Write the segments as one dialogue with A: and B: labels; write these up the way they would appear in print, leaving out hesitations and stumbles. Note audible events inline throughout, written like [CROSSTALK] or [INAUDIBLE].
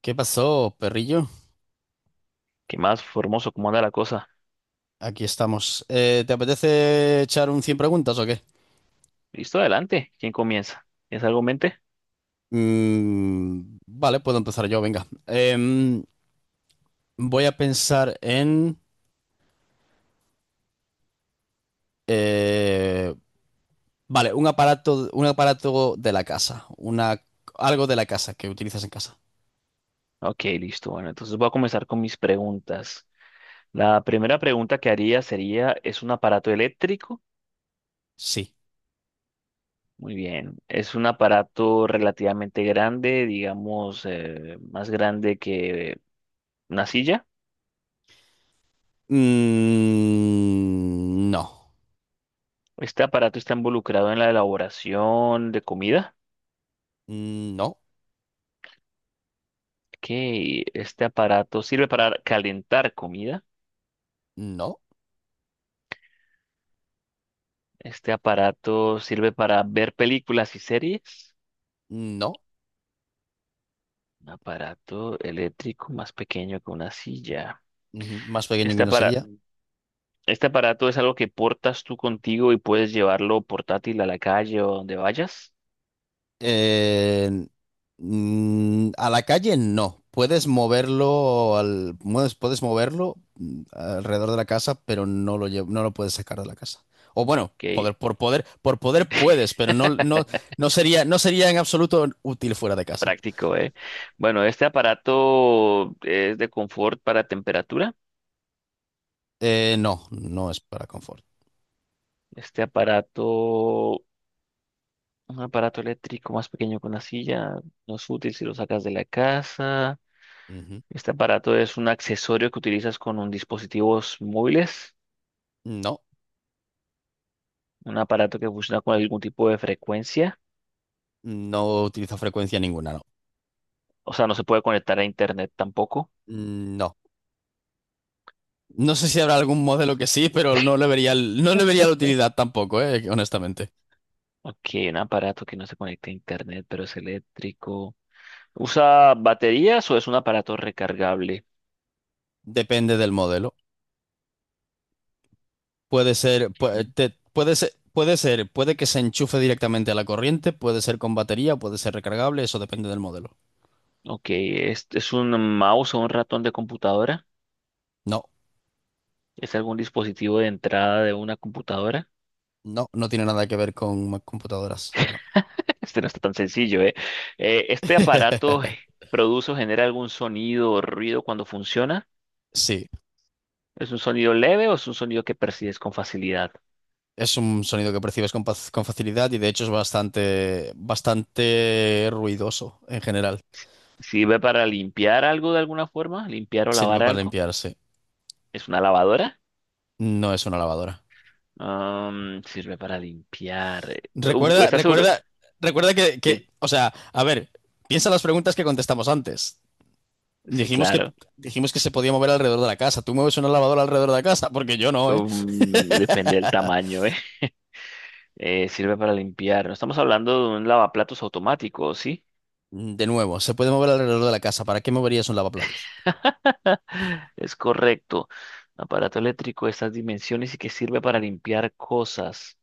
A: ¿Qué pasó, perrillo?
B: ¿Qué más, Formoso? ¿Cómo anda la cosa?
A: Aquí estamos. ¿Te apetece echar un 100 preguntas o qué?
B: Listo, adelante. ¿Quién comienza? ¿Es algo en mente?
A: Vale, puedo empezar yo, venga. Voy a pensar en... eh, vale, un aparato de la casa. Algo de la casa que utilizas en casa.
B: Ok, listo. Bueno, entonces voy a comenzar con mis preguntas. La primera pregunta que haría sería, ¿es un aparato eléctrico?
A: Sí.
B: Muy bien. ¿Es un aparato relativamente grande, digamos, más grande que una silla?
A: Mm, no.
B: ¿Este aparato está involucrado en la elaboración de comida?
A: No.
B: Ok, ¿este aparato sirve para calentar comida?
A: No.
B: ¿Este aparato sirve para ver películas y series?
A: No.
B: Un aparato eléctrico más pequeño que una silla.
A: Ujú. Más pequeño que
B: Este
A: una
B: aparato,
A: silla.
B: este aparato es algo que portas tú contigo y puedes llevarlo portátil a la calle o donde vayas.
A: Eh, a la calle no. Puedes moverlo alrededor de la casa, pero no lo puedes sacar de la casa. O bueno,
B: Qué
A: poder, por poder, por poder puedes, pero no sería, no sería en absoluto útil fuera de casa.
B: práctico, ¿eh? Bueno, este aparato es de confort para temperatura.
A: No, no es para confort.
B: Este aparato, un aparato eléctrico más pequeño que una silla, no es útil si lo sacas de la casa.
A: Ujú.
B: Este aparato es un accesorio que utilizas con un dispositivos móviles,
A: No,
B: un aparato que funciona con algún tipo de frecuencia.
A: no utiliza frecuencia ninguna, no.
B: O sea, no se puede conectar a internet tampoco.
A: Mm, no. No sé si habrá algún modelo que sí, pero no le vería la utilidad tampoco, honestamente.
B: Aquí un aparato que no se conecta a internet, pero es eléctrico. ¿Usa baterías o es un aparato recargable?
A: Depende del modelo. Puede ser, puede, Puede ser, puede que se enchufe directamente a la corriente, puede ser con batería, puede ser recargable, eso depende del modelo.
B: Ok, ¿es un mouse o un ratón de computadora?
A: No,
B: ¿Es algún dispositivo de entrada de una computadora?
A: no, no tiene nada que ver con computadoras, no.
B: [LAUGHS] Este no está tan sencillo, ¿eh? ¿Este aparato
A: [LAUGHS]
B: [LAUGHS] produce o genera algún sonido o ruido cuando funciona?
A: Sí,
B: ¿Es un sonido leve o es un sonido que percibes con facilidad?
A: es un sonido que percibes con, con facilidad y de hecho es bastante, bastante ruidoso en general.
B: ¿Sirve para limpiar algo de alguna forma? ¿Limpiar o
A: Sirve
B: lavar
A: para
B: algo?
A: limpiarse,
B: ¿Es una lavadora?
A: no es una lavadora.
B: Sirve para limpiar. Uf,
A: Recuerda,
B: ¿estás seguro?
A: recuerda, Recuerda que
B: Sí,
A: o sea, a ver, piensa en las preguntas que contestamos antes.
B: sí,
A: Dijimos que,
B: claro.
A: Dijimos que se podía mover alrededor de la casa. ¿Tú mueves una lavadora alrededor de la casa? Porque yo no, ¿eh?
B: Depende del tamaño, ¿eh? [LAUGHS] Sirve para limpiar. No estamos hablando de un lavaplatos automático, ¿sí?
A: De nuevo, se puede mover alrededor de la casa. ¿Para qué moverías un lavaplatos?
B: [LAUGHS] Es correcto. Aparato eléctrico de estas dimensiones y que sirve para limpiar cosas.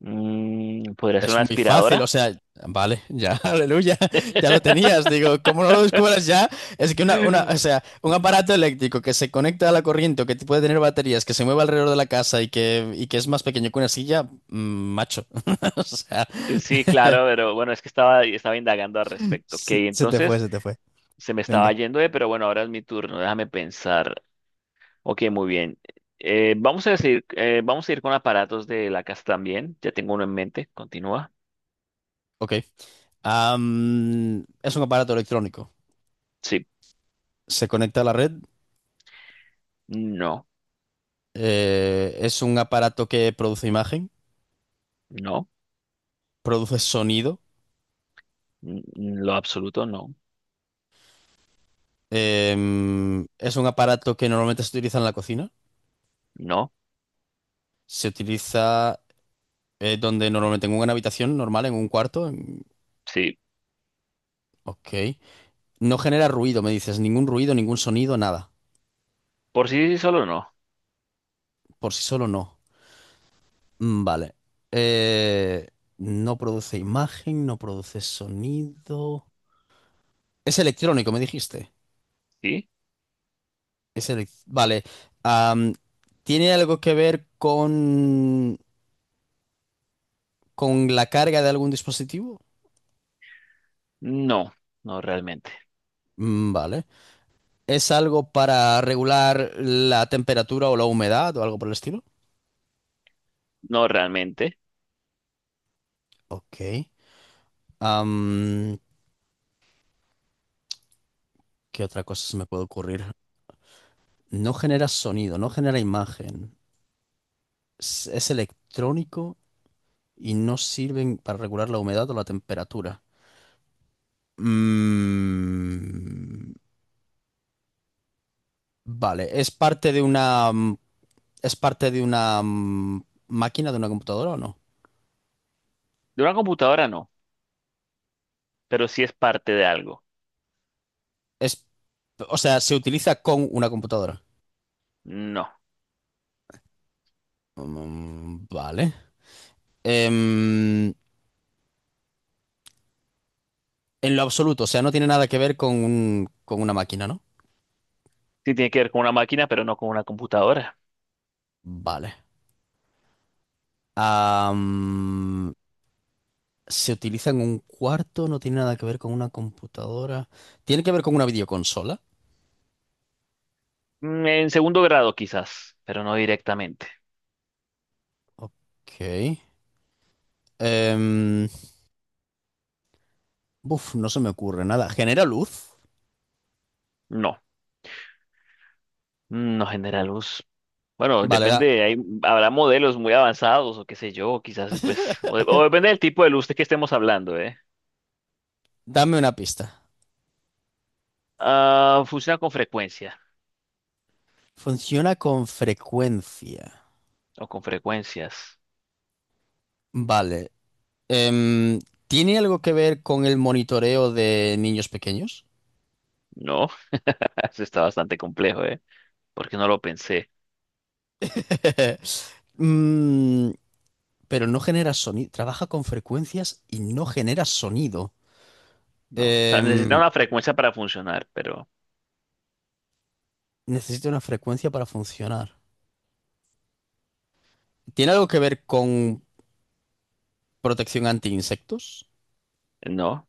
B: Mm, ¿podría ser
A: Es
B: una
A: muy fácil, o
B: aspiradora?
A: sea, vale, ya, [LAUGHS] aleluya, ya lo tenías.
B: [LAUGHS]
A: Digo, ¿cómo no lo descubras ya? Es que una, O sea, un aparato eléctrico que se conecta a la corriente o que puede tener baterías, que se mueve alrededor de la casa y que es más pequeño que una silla, mm, macho. [LAUGHS] O sea, [LAUGHS]
B: Sí, claro, pero bueno, es que estaba indagando al respecto. Ok,
A: se te fue,
B: entonces,
A: se te fue.
B: se me estaba
A: Venga,
B: yendo, pero bueno, ahora es mi turno, déjame pensar. Ok, muy bien. Vamos a ir con aparatos de la casa también. Ya tengo uno en mente. Continúa.
A: ok. Es un aparato electrónico.
B: Sí.
A: Se conecta a la red.
B: No.
A: Es un aparato que produce imagen,
B: No.
A: produce sonido.
B: N- Lo absoluto no.
A: Es un aparato que normalmente se utiliza en la cocina.
B: No.
A: Se utiliza donde normalmente en una habitación normal, en un cuarto.
B: Sí.
A: Ok. No genera ruido, me dices. Ningún ruido, ningún sonido, nada.
B: Por sí sí, solo no.
A: Por sí solo no. Mm, vale. Eh, no produce imagen, no produce sonido. Es electrónico, me dijiste.
B: Sí.
A: Vale. am, ¿Tiene algo que ver con la carga de algún dispositivo?
B: No. No realmente.
A: Mm, vale. ¿Es algo para regular la temperatura o la humedad o algo por el estilo?
B: No realmente.
A: Ok. Am, ¿Qué otra cosa se me puede ocurrir? No genera sonido, no genera imagen. Es electrónico y no sirven para regular la humedad o la temperatura. Mm, vale. ¿Es parte de una máquina, de una computadora o no?
B: De una computadora no, pero sí es parte de algo.
A: Es, o sea, se utiliza con una computadora.
B: No.
A: Mm, vale. Em, en lo absoluto, o sea, no tiene nada que ver con con una máquina, ¿no?
B: Sí tiene que ver con una máquina, pero no con una computadora.
A: Vale. Am, Se utiliza en un cuarto, no tiene nada que ver con una computadora. Tiene que ver con una videoconsola.
B: Mm, en segundo grado quizás, pero no directamente.
A: Ok. Em, Buf, no se me ocurre nada. ¿Genera luz?
B: No. Mm, no genera luz. Bueno,
A: Vale, da-
B: depende, hay, habrá modelos muy avanzados o qué sé yo, quizás pues, o depende del tipo de luz de que estemos hablando, ¿eh?
A: Dame una pista.
B: Ah, funciona con frecuencia
A: Funciona con frecuencia.
B: o con frecuencias.
A: Vale. Em, ¿Tiene algo que ver con el monitoreo de niños pequeños?
B: No, [LAUGHS] eso está bastante complejo, ¿eh? Porque no lo pensé,
A: [LAUGHS] Mm, pero no genera sonido. Trabaja con frecuencias y no genera sonido.
B: ¿no? O sea, necesita
A: Em,
B: una frecuencia para funcionar, pero
A: Necesita una frecuencia para funcionar. ¿Tiene algo que ver con protección anti insectos?
B: no.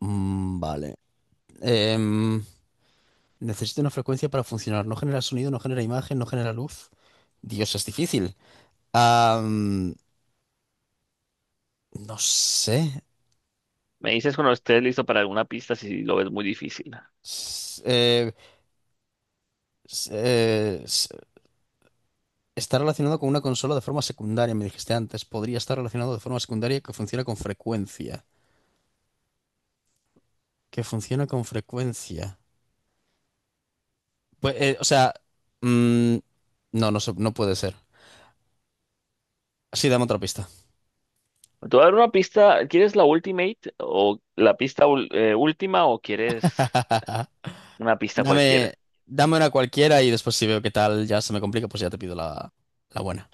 A: Mm, vale. Em, Necesita una frecuencia para funcionar. No genera sonido, no genera imagen, no genera luz. Dios, es difícil. Am, no sé.
B: Me dices cuando estés listo para alguna pista si lo ves muy difícil.
A: S- eh, s- eh, s- Está relacionado con una consola de forma secundaria, me dijiste antes. Podría estar relacionado de forma secundaria que funciona con frecuencia. Que funciona con frecuencia. Pues, o sea, mm, no puede ser. Sí, dame otra pista.
B: Te voy a dar una pista, ¿quieres la Ultimate o la última o quieres
A: [LAUGHS]
B: una pista
A: Dame,
B: cualquiera?
A: Dame una cualquiera y después si veo qué tal ya se me complica, pues ya te pido la buena.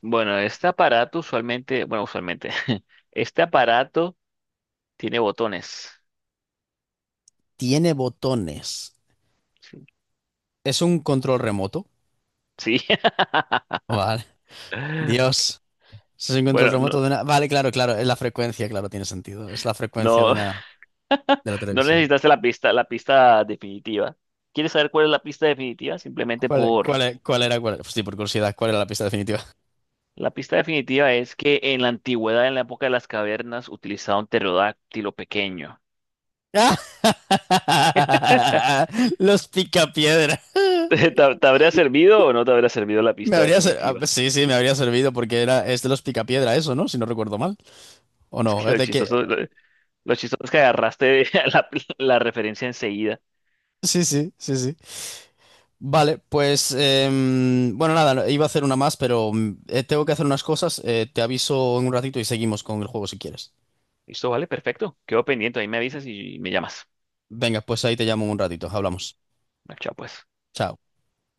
B: Bueno, este aparato usualmente, bueno, usualmente, [LAUGHS] este aparato tiene botones.
A: Tiene botones.
B: Sí.
A: Es un control remoto.
B: Sí. [LAUGHS]
A: Vale. Dios. Es un control
B: Bueno,
A: remoto de una... Vale, claro, claro. Es la frecuencia, claro, tiene sentido. Es la frecuencia de
B: no,
A: una...
B: [LAUGHS]
A: de la
B: no
A: televisión.
B: necesitaste la pista definitiva. ¿Quieres saber cuál es la pista definitiva? Simplemente
A: ¿Cuál, cuál,
B: por...
A: e- cuál era, cuál, Sí, por curiosidad, ¿cuál era la pista definitiva?
B: La pista definitiva es que en la antigüedad, en la época de las cavernas, utilizaban un pterodáctilo pequeño. [LAUGHS]
A: [LAUGHS] Los picapiedra.
B: Te habría servido o no te habría servido la pista
A: Ah,
B: definitiva?
A: pues sí, sí, me habría servido porque es de los picapiedra eso, ¿no? Si no recuerdo mal. ¿O
B: Es
A: no?
B: que
A: ¿Es de que
B: lo chistoso es que agarraste [LAUGHS] la la referencia enseguida.
A: Sí, sí, sí, sí. Vale, pues, em, bueno, nada, no- iba a hacer una más, pero mm, tengo que hacer unas cosas. Eh, te aviso en un ratito y seguimos con el juego si quieres.
B: Listo, vale, perfecto. Quedo pendiente, ahí me avisas y me llamas.
A: Venga, pues ahí te llamo en un ratito. Hablamos.
B: Chao, pues.
A: Chao.